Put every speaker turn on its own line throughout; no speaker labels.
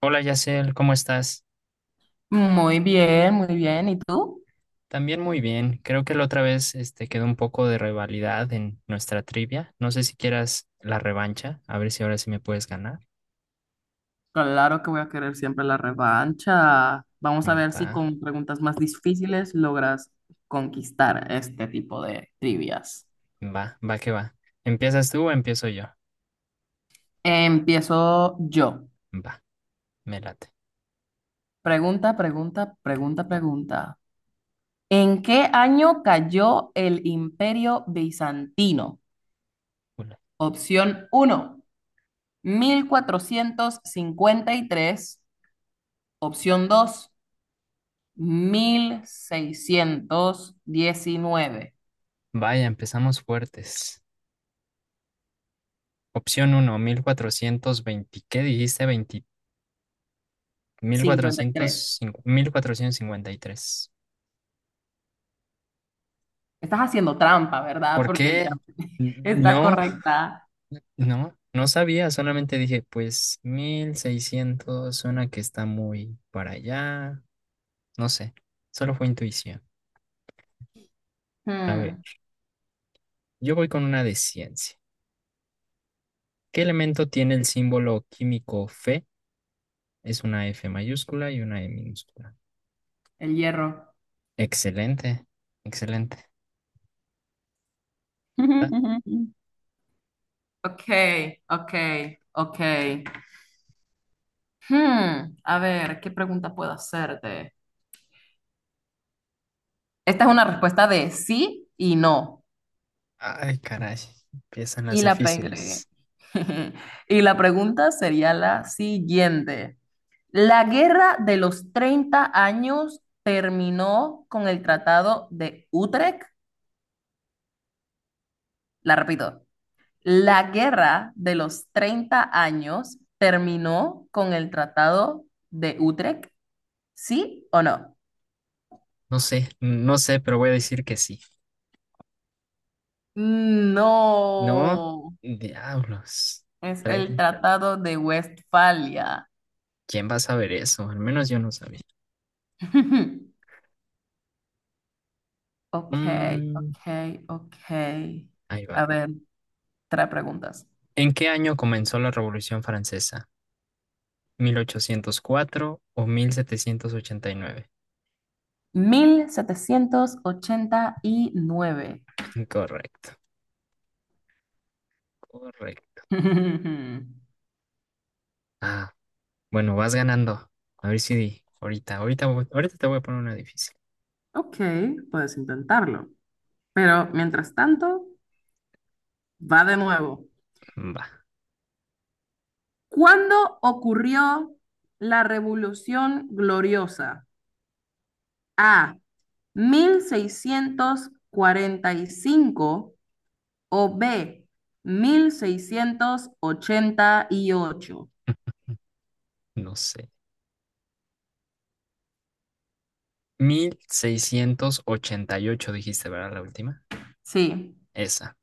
Hola Yacel, ¿cómo estás?
Muy bien, muy bien. ¿Y tú?
También muy bien. Creo que la otra vez este, quedó un poco de rivalidad en nuestra trivia. No sé si quieras la revancha, a ver si ahora sí me puedes ganar.
Claro que voy a querer siempre la revancha. Vamos a
Mm,
ver si
va,
con preguntas más difíciles logras conquistar este tipo de trivias.
va, va que va. ¿Empiezas tú o empiezo yo?
Empiezo yo.
Va, me late.
Pregunta, pregunta, pregunta, pregunta. ¿En qué año cayó el Imperio Bizantino?
Ule.
Opción uno: 1453. Opción dos: 1619.
Vaya, empezamos fuertes. Opción uno, 1420. ¿Qué dijiste? Veinte, mil
cincuenta y
cuatrocientos
tres
cincuenta, 1453.
Estás haciendo trampa, ¿verdad?
¿Por
Porque
qué?
está
No,
correcta.
no, no sabía, solamente dije, pues 1600 suena que está muy para allá, no sé, solo fue intuición. A ver,
Hmm,
yo voy con una de ciencia. ¿Qué elemento tiene el símbolo químico Fe? Es una F mayúscula y una E minúscula.
el hierro.
Excelente, excelente. Ah,
Ok, ok, ok. A ver, ¿qué pregunta puedo hacerte? Esta es una respuesta de sí y no.
ay, caray, empiezan las
Y la pegué.
difíciles.
Y la pregunta sería la siguiente. ¿La guerra de los 30 años terminó con el Tratado de Utrecht? La repito. La guerra de los 30 años terminó con el Tratado de Utrecht, ¿sí o no?
No sé, no sé, pero voy a decir que sí. No,
No,
diablos.
es el
trae-
Tratado de Westfalia.
¿Quién va a saber eso? Al menos yo no sabía.
Ok, ok,
Mm,
ok.
Ahí
A
va.
ver, tres preguntas.
¿En qué año comenzó la Revolución Francesa? 1804 o 1789.
1789.
Correcto, correcto. Ah, bueno, vas ganando. A ver si ahorita, ahorita, ahorita te voy a poner una difícil.
Ok, puedes intentarlo. Pero mientras tanto, va de nuevo.
Va,
¿Cuándo ocurrió la Revolución Gloriosa? A: 1645, o B: 1688.
no sé. 1688, dijiste, ¿verdad? La última.
Sí.
Esa.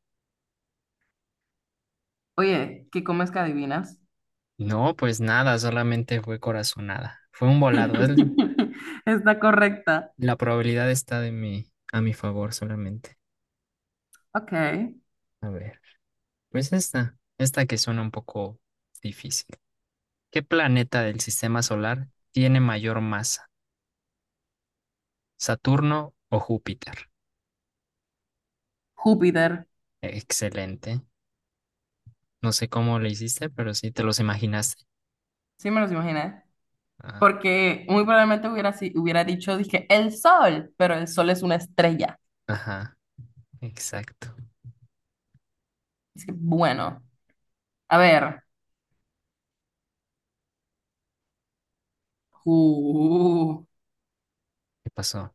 Oye, ¿qué comes que adivinas?
No, pues nada, solamente fue corazonada. Fue un volado.
Está correcta.
La probabilidad está de mi, a mi favor solamente.
Ok.
A ver. Pues esta que suena un poco difícil. ¿Qué planeta del sistema solar tiene mayor masa? ¿Saturno o Júpiter?
Júpiter.
Excelente. No sé cómo lo hiciste, pero sí te los imaginaste.
Sí me los imaginé.
Ah,
Porque muy probablemente hubiera, si- hubiera dicho, dije, el sol, pero el sol es una estrella.
ajá, exacto.
Así que, bueno, a ver. Q.
¿Qué pasó?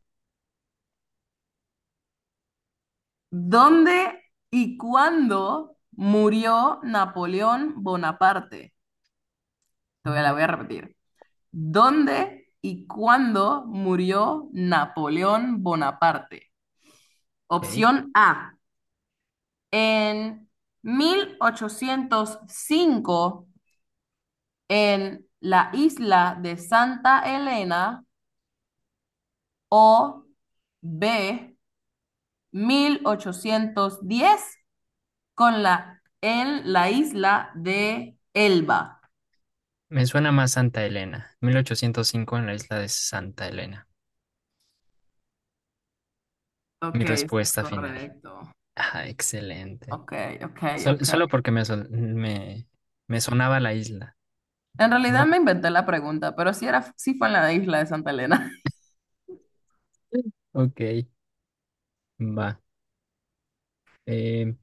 ¿Dónde y cuándo murió Napoleón Bonaparte? La
¿Dónde?
voy a repetir. ¿Dónde y cuándo murió Napoleón Bonaparte?
Ok.
Opción A, en 1805 en la isla de Santa Elena, o B, 1810 en la isla de Elba.
Me suena más Santa Elena, 1805 en la isla de Santa Elena. Mi
Ok, está
respuesta final.
correcto.
Ajá, excelente.
Ok, ok, ok.
Solo porque me sonaba la isla.
En realidad me inventé la pregunta, pero sí era, sí fue en la isla de Santa Elena.
Ok, va. Eh,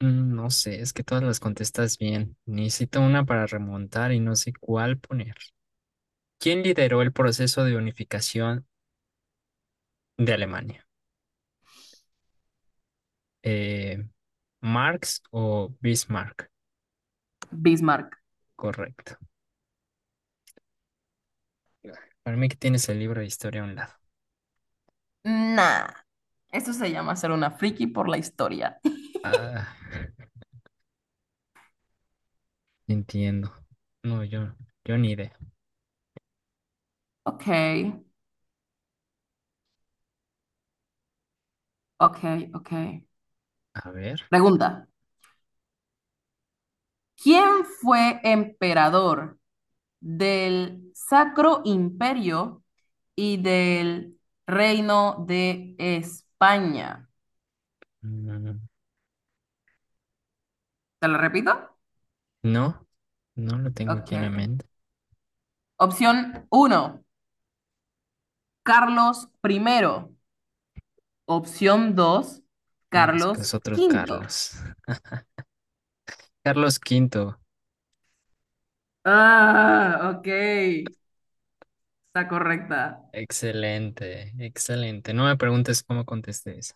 no sé, es que todas las contestas bien. Necesito una para remontar y no sé cuál poner. ¿Quién lideró el proceso de unificación de Alemania? Eh, ¿Marx o Bismarck?
Bismarck.
Correcto. Para mí que tienes el libro de historia a un lado.
Nah, eso se llama ser una friki por la historia.
Ah, entiendo. No, yo ni idea.
Ok, ok, ok.
A ver.
Pregunta. ¿Quién fue emperador del Sacro Imperio y del Reino de España?
mm,
¿Te lo repito?
No, no lo tengo aquí en la
Ok.
mente.
Opción uno, Carlos primero. Opción 2,
No me digas que
Carlos
es otro
quinto.
Carlos. Carlos Quinto.
Ah, ok. Está correcta.
Excelente, excelente. No me preguntes cómo contesté esa,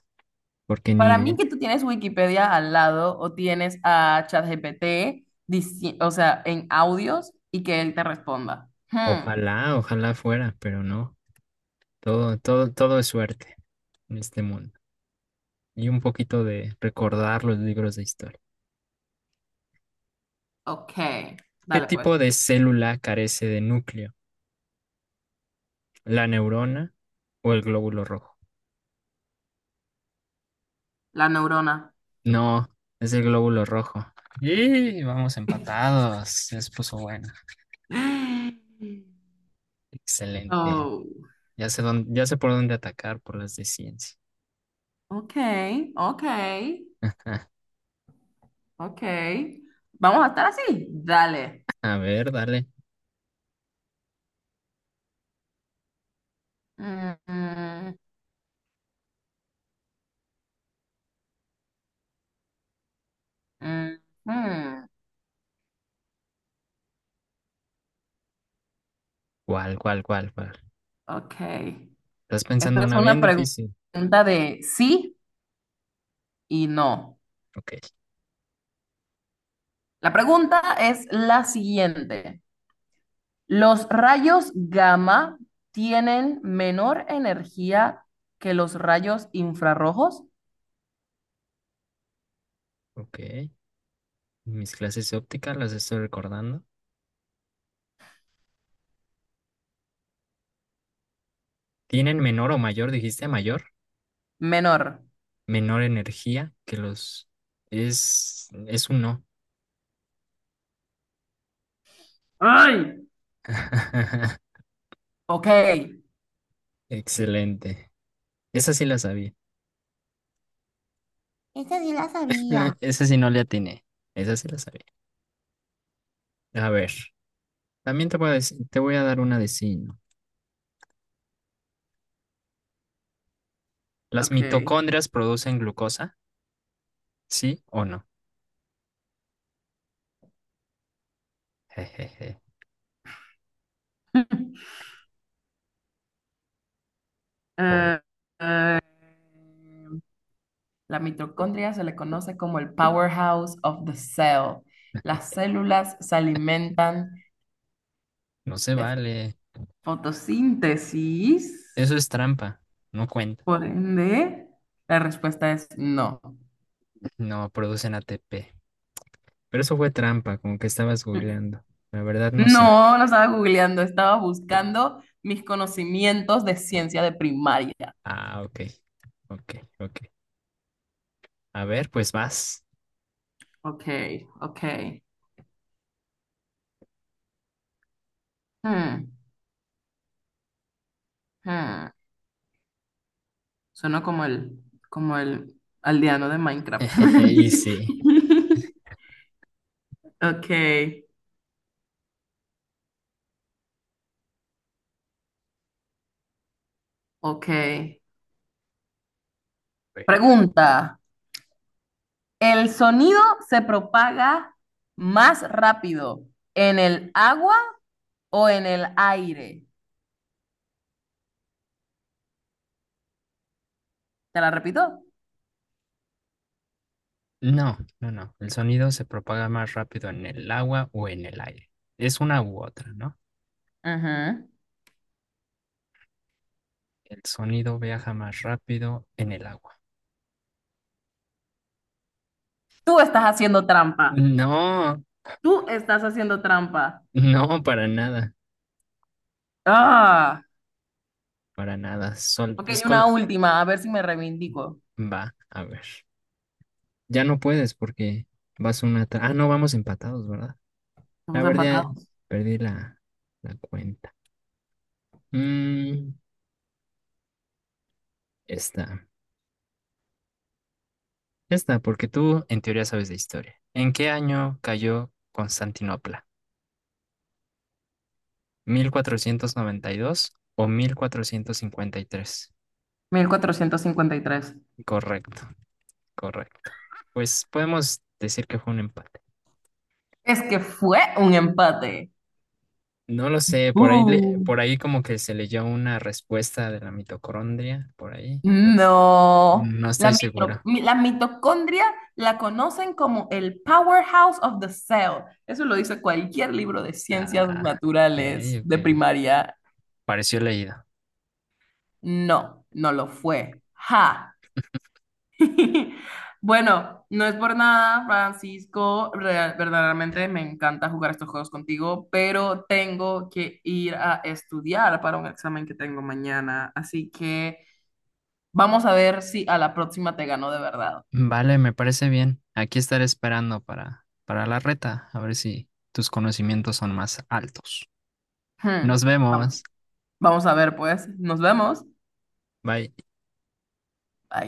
porque ni
Para mí
idea.
que tú tienes Wikipedia al lado o tienes a ChatGPT, o sea, en audios y que él te responda. Hmm,
Ojalá, ojalá fuera, pero no. Todo, todo, todo es suerte en este mundo. Y un poquito de recordar los libros de historia.
ok.
¿Qué
Dale pues.
tipo de célula carece de núcleo? ¿La neurona o el glóbulo rojo?
La neurona.
No, es el glóbulo rojo. Y vamos empatados. Se les puso buena. Excelente.
Oh,
Ya sé dónde, ya sé por dónde atacar por las de ciencia.
ok, ok, ok. Vamos a estar así. Dale.
A ver, dale.
Mm, mm, mm, mm.
¿Cuál, cuál, cuál, cuál?
Ok.
Estás
Esta
pensando
es
una bien
una
difícil.
pregunta de sí y no.
Ok,
La pregunta es la siguiente. ¿Los rayos gamma tienen menor energía que los rayos infrarrojos?
ok. Mis clases de óptica las estoy recordando. ¿Tienen menor o mayor, dijiste mayor?
Menor.
Menor energía que los... Es un no.
¡Ay! Ok.
Excelente. Esa sí la sabía.
Esta sí la sabía.
Esa sí no le atiné. Esa sí la sabía. A ver, también te voy a dar una de sí, y ¿no? ¿Las
Ok.
mitocondrias producen glucosa? ¿Sí o no? Jejeje. Ole,
Eh, eh, la mitocondria se le conoce como el powerhouse of the cell. Las células se alimentan
no se
de
vale.
fotosíntesis,
Eso es trampa. No cuenta.
por ende, la respuesta es no.
No, producen ATP. Pero eso fue trampa, como que estabas googleando. La verdad no sé.
No, no estaba googleando, estaba buscando mis conocimientos de ciencia de primaria.
Ah, ok, ok, ok. A ver, pues vas.
Ok, ok. Hmm, hmm. Suena como el aldeano de Minecraft.
Y sí.
Ok, ok.
Ver.
Pregunta, ¿el sonido se propaga más rápido en el agua o en el aire? ¿Te la repito?
No, no, no. El sonido se propaga más rápido en el agua o en el aire. Es una u otra, ¿no?
Ujú.
El sonido viaja más rápido en el agua.
Tú estás haciendo trampa.
No,
Tú estás haciendo trampa.
no, para nada,
Ah,
para nada.
ok, una última, a ver si me reivindico.
Va, a ver. Ya no puedes porque vas Ah, no, vamos empatados, ¿verdad? La
Estamos
verdad,
empatados.
perdí la cuenta. Mm, esta, esta, porque tú en teoría sabes de historia. ¿En qué año cayó Constantinopla? 1492 o 1453.
1453.
Correcto, correcto. Pues podemos decir que fue un empate.
Es que fue un empate.
No lo sé, por ahí,
Uh.
por ahí como que se leyó una respuesta de la mitocondria, por ahí, pero
No,
no
la,
estoy
mitro-
segura.
mi- la mitocondria la conocen como el powerhouse of the cell. Eso lo dice cualquier libro de ciencias
Ah, ok,
naturales de
ok.
primaria.
Pareció leído.
No, no lo fue. Ja. Bueno, no es por nada, Francisco. Verdaderamente me encanta jugar estos juegos contigo, pero tengo que ir a estudiar para un examen que tengo mañana. Así que vamos a ver si a la próxima te gano de verdad.
Vale, me parece bien. Aquí estaré esperando para la reta, a ver si tus conocimientos son más altos.
Hmm,
Nos
Vamos,
vemos.
vamos a ver, pues. Nos vemos.
Bye.
Bye.